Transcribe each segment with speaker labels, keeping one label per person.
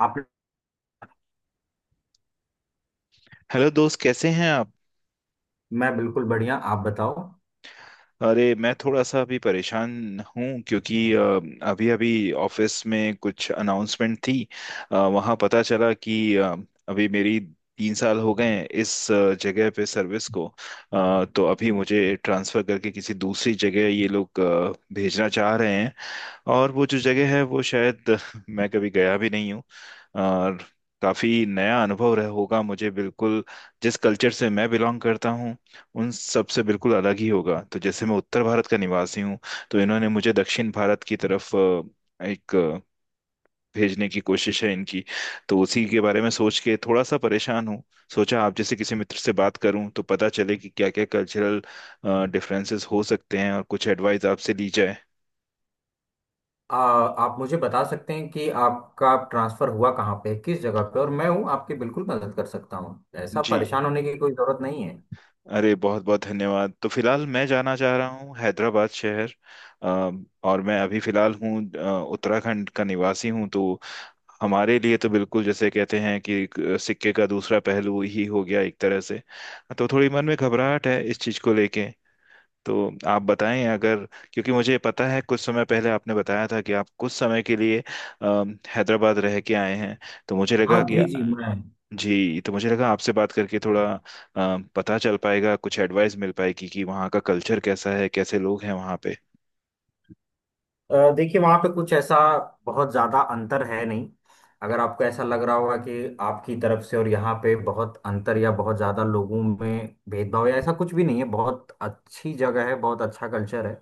Speaker 1: आप?
Speaker 2: हेलो दोस्त कैसे हैं आप।
Speaker 1: मैं बिल्कुल बढ़िया, आप बताओ।
Speaker 2: अरे मैं थोड़ा सा अभी परेशान हूँ क्योंकि अभी अभी ऑफिस में कुछ अनाउंसमेंट थी। वहाँ पता चला कि अभी मेरी 3 साल हो गए हैं इस जगह पे सर्विस को। तो अभी मुझे ट्रांसफ़र करके किसी दूसरी जगह ये लोग भेजना चाह रहे हैं। और वो जो जगह है वो शायद मैं कभी गया भी नहीं हूँ, और काफी नया अनुभव रह होगा मुझे। बिल्कुल जिस कल्चर से मैं बिलोंग करता हूँ उन सब से बिल्कुल अलग ही होगा। तो जैसे मैं उत्तर भारत का निवासी हूँ, तो इन्होंने मुझे दक्षिण भारत की तरफ एक भेजने की कोशिश है इनकी। तो उसी के बारे में सोच के थोड़ा सा परेशान हूँ। सोचा आप जैसे किसी मित्र से बात करूं तो पता चले कि क्या क्या कल्चरल डिफरेंसेस हो सकते हैं, और कुछ एडवाइस आपसे ली जाए।
Speaker 1: आप मुझे बता सकते हैं कि आपका ट्रांसफर हुआ कहाँ पे, किस जगह पे, और मैं हूँ, आपकी बिल्कुल मदद कर सकता हूँ। ऐसा
Speaker 2: जी।
Speaker 1: परेशान होने की कोई जरूरत नहीं है।
Speaker 2: अरे बहुत बहुत धन्यवाद। तो फिलहाल मैं जाना चाह रहा हूँ हैदराबाद शहर। अ, और मैं अभी फिलहाल हूँ, उत्तराखंड का निवासी हूँ। तो हमारे लिए तो बिल्कुल जैसे कहते हैं कि एक सिक्के का दूसरा पहलू ही हो गया एक तरह से। तो थोड़ी मन में घबराहट है इस चीज़ को लेके। तो आप बताएं अगर, क्योंकि मुझे पता है कुछ समय पहले आपने बताया था कि आप कुछ समय के लिए अ, हैदराबाद रह के आए हैं, तो मुझे लगा
Speaker 1: हाँ
Speaker 2: कि।
Speaker 1: जी जी, मैं
Speaker 2: जी। तो मुझे लगा आपसे बात करके थोड़ा पता चल पाएगा, कुछ एडवाइस मिल पाएगी कि वहाँ का कल्चर कैसा है, कैसे लोग हैं वहाँ पे।
Speaker 1: देखिए, वहाँ पे कुछ ऐसा बहुत ज़्यादा अंतर है नहीं। अगर आपको ऐसा लग रहा होगा कि आपकी तरफ से और यहाँ पे बहुत अंतर या बहुत ज़्यादा लोगों में भेदभाव या ऐसा, कुछ भी नहीं है। बहुत अच्छी जगह है, बहुत अच्छा कल्चर है।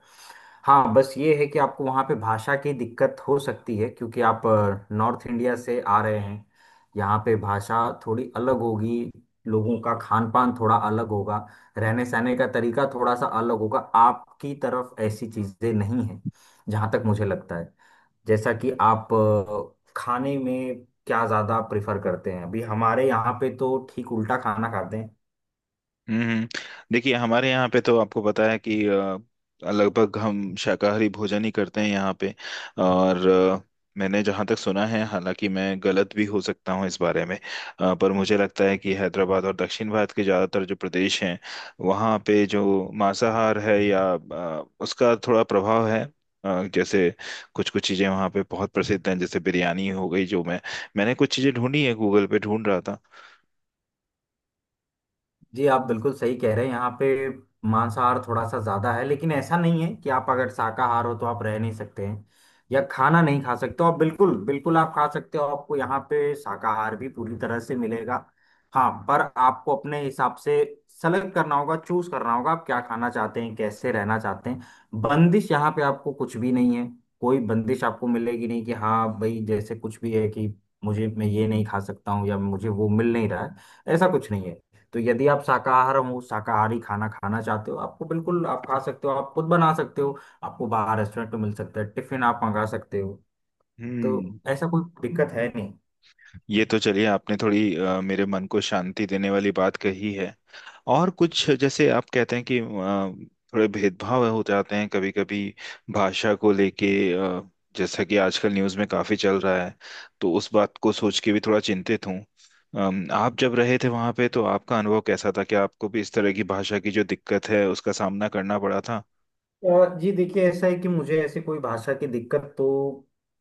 Speaker 1: हाँ, बस ये है कि आपको वहाँ पे भाषा की दिक्कत हो सकती है, क्योंकि आप नॉर्थ इंडिया से आ रहे हैं। यहाँ पे भाषा थोड़ी अलग होगी, लोगों का खान पान थोड़ा अलग होगा, रहने सहने का तरीका थोड़ा सा अलग होगा, आपकी तरफ ऐसी चीज़ें नहीं है, जहाँ तक मुझे लगता है। जैसा कि आप खाने में क्या ज़्यादा प्रेफर करते हैं, अभी हमारे यहाँ पे तो ठीक उल्टा खाना खाते हैं।
Speaker 2: हम्म। देखिए हमारे यहाँ पे तो आपको पता है कि लगभग हम शाकाहारी भोजन ही करते हैं यहाँ पे। और मैंने जहाँ तक सुना है, हालांकि मैं गलत भी हो सकता हूँ इस बारे में, पर मुझे लगता है कि हैदराबाद और दक्षिण भारत के ज़्यादातर जो प्रदेश हैं वहाँ पे जो मांसाहार है या उसका थोड़ा प्रभाव है। जैसे कुछ कुछ चीज़ें वहाँ पे बहुत प्रसिद्ध हैं, जैसे बिरयानी हो गई। जो मैंने कुछ चीज़ें ढूंढी है, गूगल पे ढूंढ रहा था।
Speaker 1: जी, आप बिल्कुल सही कह रहे हैं, यहाँ पे मांसाहार थोड़ा सा ज्यादा है, लेकिन ऐसा नहीं है कि आप अगर शाकाहार हो तो आप रह नहीं सकते हैं या खाना नहीं खा सकते हो। आप बिल्कुल बिल्कुल आप खा सकते हो, आपको यहाँ पे शाकाहार भी पूरी तरह से मिलेगा। हाँ, पर आपको अपने हिसाब से सेलेक्ट करना होगा, चूज करना होगा, आप क्या खाना चाहते हैं, कैसे रहना चाहते हैं। बंदिश यहाँ पे आपको कुछ भी नहीं है, कोई बंदिश आपको मिलेगी नहीं कि हाँ भाई, जैसे कुछ भी है कि मुझे मैं ये नहीं खा सकता हूँ या मुझे वो मिल नहीं रहा है, ऐसा कुछ नहीं है। तो यदि आप शाकाहार हो, शाकाहारी खाना खाना चाहते हो, आपको बिल्कुल आप खा सकते हो, आप खुद बना सकते हो, आपको बाहर रेस्टोरेंट में मिल सकता है, टिफिन आप मंगा सकते हो। तो
Speaker 2: हम्म।
Speaker 1: ऐसा कोई दिक्कत है नहीं।
Speaker 2: ये तो चलिए आपने थोड़ी मेरे मन को शांति देने वाली बात कही है। और कुछ जैसे आप कहते हैं कि थोड़े भेदभाव हो जाते हैं कभी कभी भाषा को लेके, जैसा कि आजकल न्यूज़ में काफी चल रहा है, तो उस बात को सोच के भी थोड़ा चिंतित हूँ। आप जब रहे थे वहां पे तो आपका अनुभव कैसा था कि आपको भी इस तरह की भाषा की जो दिक्कत है उसका सामना करना पड़ा था?
Speaker 1: और जी देखिए, ऐसा है कि मुझे ऐसी कोई भाषा की दिक्कत तो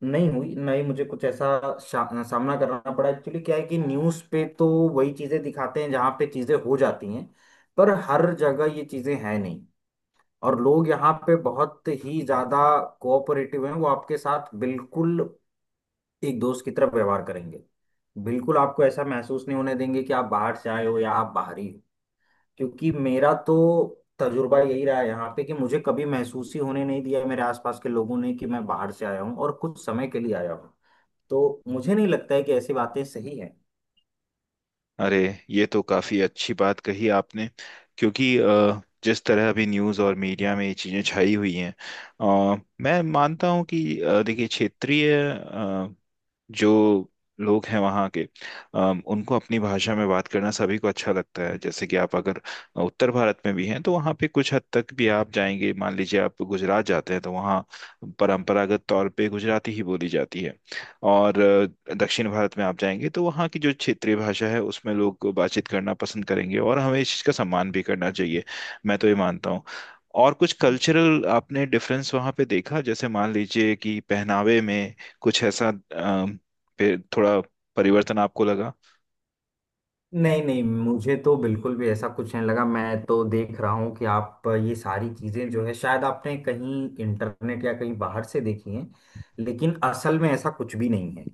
Speaker 1: नहीं हुई, ना ही मुझे कुछ ऐसा सामना करना पड़ा। एक्चुअली क्या है कि न्यूज़ पे तो वही चीज़ें दिखाते हैं जहाँ पे चीज़ें हो जाती हैं, पर हर जगह ये चीज़ें हैं नहीं। और लोग यहाँ पे बहुत ही ज्यादा कोऑपरेटिव हैं, वो आपके साथ बिल्कुल एक दोस्त की तरह व्यवहार करेंगे। बिल्कुल आपको ऐसा महसूस नहीं होने देंगे कि आप बाहर से आए हो या आप बाहरी हो, क्योंकि मेरा तो तजुर्बा यही रहा है यहाँ पे कि मुझे कभी महसूस ही होने नहीं दिया मेरे आसपास के लोगों ने कि मैं बाहर से आया हूँ और कुछ समय के लिए आया हूँ। तो मुझे नहीं लगता है कि ऐसी बातें सही हैं।
Speaker 2: अरे ये तो काफी अच्छी बात कही आपने। क्योंकि जिस तरह अभी न्यूज़ और मीडिया में ये चीजें छाई हुई हैं, मैं मानता हूँ कि देखिए क्षेत्रीय जो लोग हैं वहाँ के, उनको अपनी भाषा में बात करना सभी को अच्छा लगता है। जैसे कि आप अगर उत्तर भारत में भी हैं तो वहाँ पे कुछ हद तक भी आप जाएंगे, मान लीजिए आप गुजरात जाते हैं, तो वहाँ परंपरागत तौर पे गुजराती ही बोली जाती है। और दक्षिण भारत में आप जाएंगे तो वहाँ की जो क्षेत्रीय भाषा है उसमें लोग बातचीत करना पसंद करेंगे, और हमें इस चीज़ का सम्मान भी करना चाहिए। मैं तो ये मानता हूँ। और कुछ कल्चरल आपने डिफरेंस वहाँ पे देखा? जैसे मान लीजिए कि पहनावे में कुछ ऐसा थोड़ा परिवर्तन आपको लगा?
Speaker 1: नहीं नहीं, मुझे तो बिल्कुल भी ऐसा कुछ नहीं लगा। मैं तो देख रहा हूँ कि आप ये सारी चीजें जो है, शायद आपने कहीं इंटरनेट या कहीं बाहर से देखी हैं, लेकिन असल में ऐसा कुछ भी नहीं है।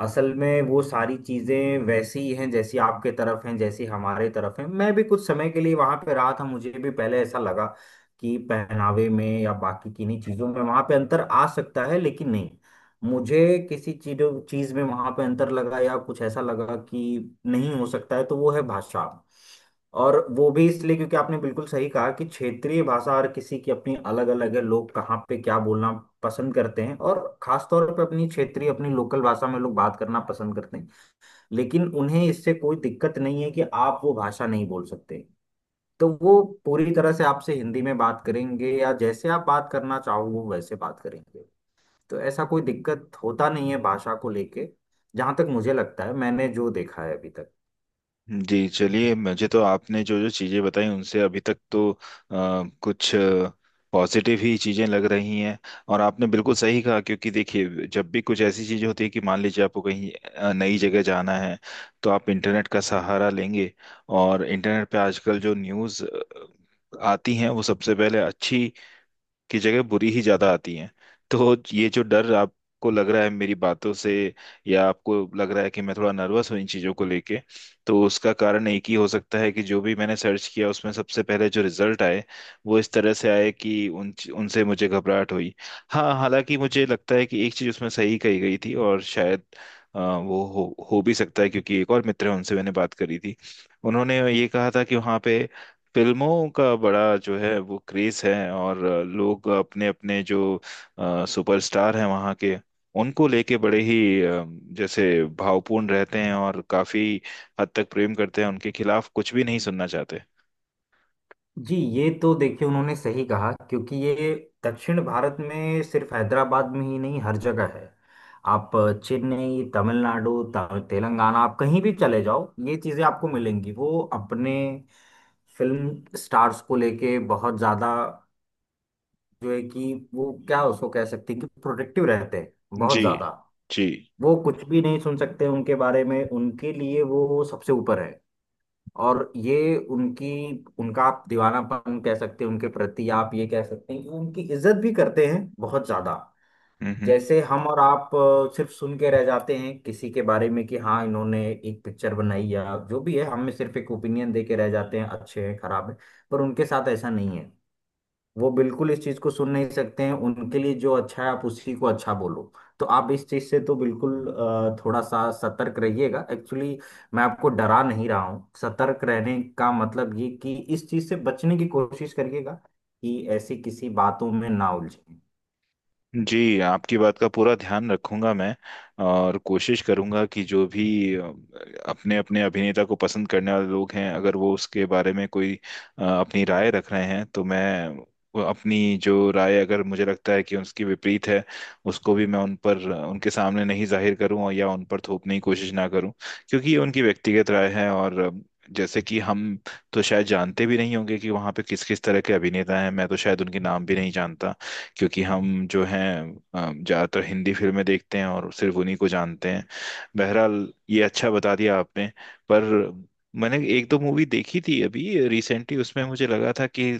Speaker 1: असल में वो सारी चीजें वैसी ही हैं जैसी आपके तरफ हैं, जैसी हमारे तरफ हैं। मैं भी कुछ समय के लिए वहां पे रहा था, मुझे भी पहले ऐसा लगा कि पहनावे में या बाकी किन्हीं चीजों में वहां पे अंतर आ सकता है, लेकिन नहीं। मुझे किसी चीज चीज में वहां पे अंतर लगा या कुछ ऐसा लगा कि नहीं, हो सकता है तो वो है भाषा। और वो भी इसलिए क्योंकि आपने बिल्कुल सही कहा कि क्षेत्रीय भाषा हर किसी की अपनी अलग अलग है, लोग कहाँ पे क्या बोलना पसंद करते हैं, और खास तौर पे अपनी क्षेत्रीय, अपनी लोकल भाषा में लोग बात करना पसंद करते हैं। लेकिन उन्हें इससे कोई दिक्कत नहीं है कि आप वो भाषा नहीं बोल सकते। तो वो पूरी तरह से आपसे हिंदी में बात करेंगे या जैसे आप बात करना चाहो वो वैसे बात करेंगे। तो ऐसा कोई दिक्कत होता नहीं है भाषा को लेके, जहां तक मुझे लगता है, मैंने जो देखा है अभी तक।
Speaker 2: जी चलिए, मुझे तो आपने जो जो चीज़ें बताई उनसे अभी तक तो कुछ पॉजिटिव ही चीज़ें लग रही हैं। और आपने बिल्कुल सही कहा, क्योंकि देखिए जब भी कुछ ऐसी चीज़ें होती है कि मान लीजिए आपको कहीं नई जगह जाना है, तो आप इंटरनेट का सहारा लेंगे। और इंटरनेट पे आजकल जो न्यूज़ आती हैं वो सबसे पहले अच्छी की जगह बुरी ही ज्यादा आती हैं। तो ये जो डर आपको लग रहा है मेरी बातों से, या आपको लग रहा है कि मैं थोड़ा नर्वस हूँ इन चीजों को लेके, तो उसका कारण एक ही हो सकता है कि जो भी मैंने सर्च किया उसमें सबसे पहले जो रिजल्ट आए वो इस तरह से आए कि उन उनसे मुझे घबराहट हुई। हाँ, हालांकि मुझे लगता है कि एक चीज उसमें सही कही गई थी, और शायद वो हो भी सकता है, क्योंकि एक और मित्र है, उनसे मैंने बात करी थी। उन्होंने ये कहा था कि वहाँ पे फिल्मों का बड़ा जो है वो क्रेज है, और लोग अपने अपने जो सुपरस्टार हैं वहाँ के, उनको लेके बड़े ही अ, जैसे भावपूर्ण रहते हैं, और काफी हद तक प्रेम करते हैं, उनके खिलाफ कुछ भी नहीं सुनना चाहते।
Speaker 1: जी, ये तो देखिए, उन्होंने सही कहा, क्योंकि ये दक्षिण भारत में सिर्फ हैदराबाद में ही नहीं, हर जगह है। आप चेन्नई, तमिलनाडु, तेलंगाना, आप कहीं भी चले जाओ, ये चीज़ें आपको मिलेंगी। वो अपने फिल्म स्टार्स को लेके बहुत ज़्यादा जो है कि, वो क्या उसको कह सकते हैं कि प्रोटेक्टिव रहते हैं, बहुत
Speaker 2: जी।
Speaker 1: ज़्यादा।
Speaker 2: जी।
Speaker 1: वो कुछ भी नहीं सुन सकते उनके बारे में, उनके लिए वो सबसे ऊपर है। और ये उनकी, उनका आप दीवानापन कह सकते हैं, उनके प्रति आप ये कह सकते हैं कि वो उनकी इज्जत भी करते हैं बहुत ज्यादा।
Speaker 2: हम्म।
Speaker 1: जैसे हम और आप सिर्फ सुन के रह जाते हैं किसी के बारे में कि हाँ, इन्होंने एक पिक्चर बनाई या जो भी है, हम में सिर्फ एक ओपिनियन दे के रह जाते हैं, अच्छे हैं, खराब है। पर उनके साथ ऐसा नहीं है। वो बिल्कुल इस चीज को सुन नहीं सकते हैं, उनके लिए जो अच्छा है आप उसी को अच्छा बोलो। तो आप इस चीज से तो बिल्कुल थोड़ा सा सतर्क रहिएगा। एक्चुअली मैं आपको डरा नहीं रहा हूँ, सतर्क रहने का मतलब ये कि इस चीज से बचने की कोशिश करिएगा कि ऐसी किसी बातों में ना उलझे।
Speaker 2: जी आपकी बात का पूरा ध्यान रखूंगा मैं, और कोशिश करूंगा कि जो भी अपने अपने अभिनेता को पसंद करने वाले लोग हैं, अगर वो उसके बारे में कोई अपनी राय रख रहे हैं, तो मैं वो अपनी जो राय, अगर मुझे लगता है कि उसकी विपरीत है, उसको भी मैं उन पर उनके सामने नहीं जाहिर करूं, और या उन पर थोपने की कोशिश ना करूं। क्योंकि ये उनकी व्यक्तिगत राय है। और जैसे कि हम तो शायद जानते भी नहीं होंगे कि वहां पे किस किस तरह के अभिनेता हैं, मैं तो शायद उनके नाम भी नहीं जानता, क्योंकि हम जो हैं ज्यादातर हिंदी फिल्में देखते हैं और सिर्फ उन्हीं को जानते हैं। बहरहाल, ये अच्छा बता दिया आपने। पर मैंने एक दो मूवी देखी थी अभी रिसेंटली, उसमें मुझे लगा था कि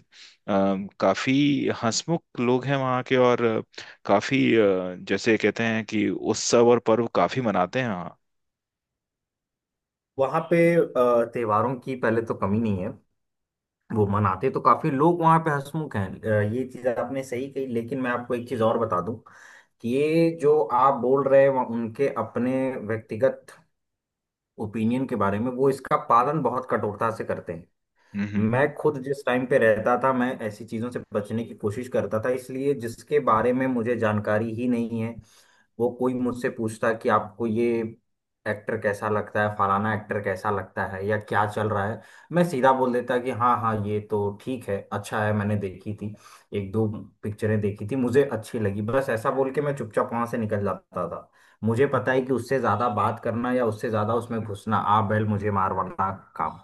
Speaker 2: काफी हंसमुख लोग हैं वहाँ के, और काफी जैसे कहते हैं कि उत्सव और पर्व काफी मनाते हैं वहाँ।
Speaker 1: वहां पे त्योहारों की पहले तो कमी नहीं है, वो मनाते तो काफी, लोग वहां पे हंसमुख हैं, ये चीज आपने सही कही। लेकिन मैं आपको एक चीज और बता दूं कि ये जो आप बोल रहे हैं वहाँ, उनके अपने व्यक्तिगत ओपिनियन के बारे में, वो इसका पालन बहुत कठोरता से करते हैं।
Speaker 2: हम्म, हम्म।
Speaker 1: मैं खुद जिस टाइम पे रहता था, मैं ऐसी चीजों से बचने की कोशिश करता था, इसलिए जिसके बारे में मुझे जानकारी ही नहीं है, वो कोई मुझसे पूछता कि आपको ये एक्टर कैसा लगता है, फलाना एक्टर कैसा लगता है, या क्या चल रहा है, मैं सीधा बोल देता कि हाँ हाँ, ये तो ठीक है, अच्छा है, मैंने देखी थी एक दो पिक्चरें, देखी थी, मुझे अच्छी लगी। बस ऐसा बोल के मैं चुपचाप वहां से निकल जाता था। मुझे पता है कि उससे ज्यादा बात करना या उससे ज्यादा उसमें घुसना आ बैल मुझे मार वाला काम।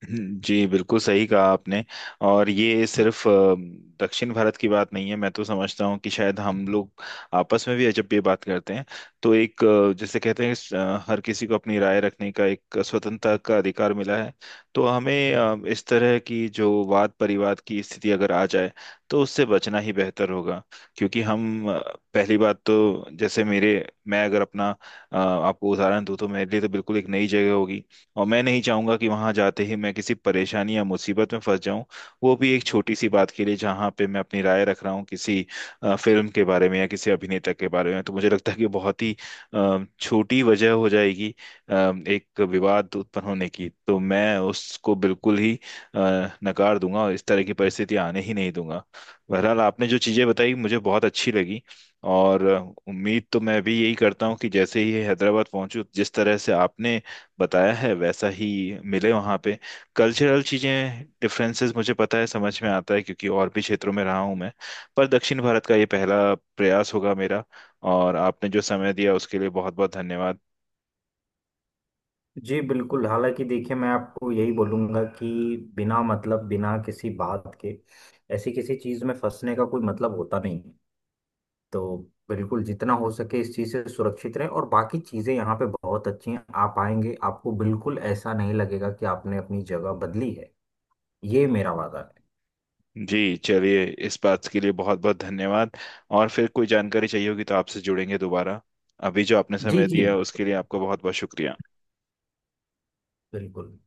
Speaker 2: जी बिल्कुल सही कहा आपने। और ये सिर्फ दक्षिण भारत की बात नहीं है, मैं तो समझता हूँ कि शायद हम लोग आपस में भी जब ये बात करते हैं, तो एक जैसे कहते हैं हर किसी को अपनी राय रखने का एक स्वतंत्रता का अधिकार मिला है। तो हमें इस तरह की जो वाद परिवाद की स्थिति अगर आ जाए, तो उससे बचना ही बेहतर होगा। क्योंकि हम पहली बात तो जैसे मेरे, मैं अगर अपना आपको उदाहरण दूं, तो मेरे लिए तो बिल्कुल एक नई जगह होगी। और मैं नहीं चाहूंगा कि वहां जाते ही मैं किसी परेशानी या मुसीबत में फंस जाऊं, वो भी एक छोटी सी बात के लिए, जहां पे मैं अपनी राय रख रहा हूँ किसी फिल्म के बारे में या किसी अभिनेता के बारे में। तो मुझे लगता है कि बहुत ही छोटी वजह हो जाएगी अ, एक विवाद उत्पन्न होने की, तो मैं उसको बिल्कुल ही नकार दूंगा, और इस तरह की परिस्थिति आने ही नहीं दूंगा। बहरहाल, आपने जो चीजें बताई मुझे बहुत अच्छी लगी, और उम्मीद तो मैं भी यही करता हूँ कि जैसे ही हैदराबाद पहुंचूं, जिस तरह से आपने बताया है वैसा ही मिले वहाँ पे। कल्चरल चीज़ें, डिफरेंसेस, मुझे पता है, समझ में आता है, क्योंकि और भी क्षेत्रों में रहा हूँ मैं, पर दक्षिण भारत का ये पहला प्रयास होगा मेरा। और आपने जो समय दिया उसके लिए बहुत बहुत धन्यवाद।
Speaker 1: जी बिल्कुल। हालांकि देखिए, मैं आपको यही बोलूंगा कि बिना मतलब, बिना किसी बात के, ऐसी किसी चीज़ में फंसने का कोई मतलब होता नहीं है। तो बिल्कुल जितना हो सके इस चीज़ से सुरक्षित रहें, और बाकी चीज़ें यहाँ पे बहुत अच्छी हैं। आप आएंगे, आपको बिल्कुल ऐसा नहीं लगेगा कि आपने अपनी जगह बदली है। ये मेरा वादा है।
Speaker 2: जी चलिए, इस बात के लिए बहुत बहुत धन्यवाद। और फिर कोई जानकारी चाहिए होगी तो आपसे जुड़ेंगे दोबारा। अभी जो आपने
Speaker 1: जी
Speaker 2: समय
Speaker 1: जी,
Speaker 2: दिया
Speaker 1: बिल्कुल
Speaker 2: उसके लिए आपका बहुत बहुत शुक्रिया।
Speaker 1: बिल्कुल।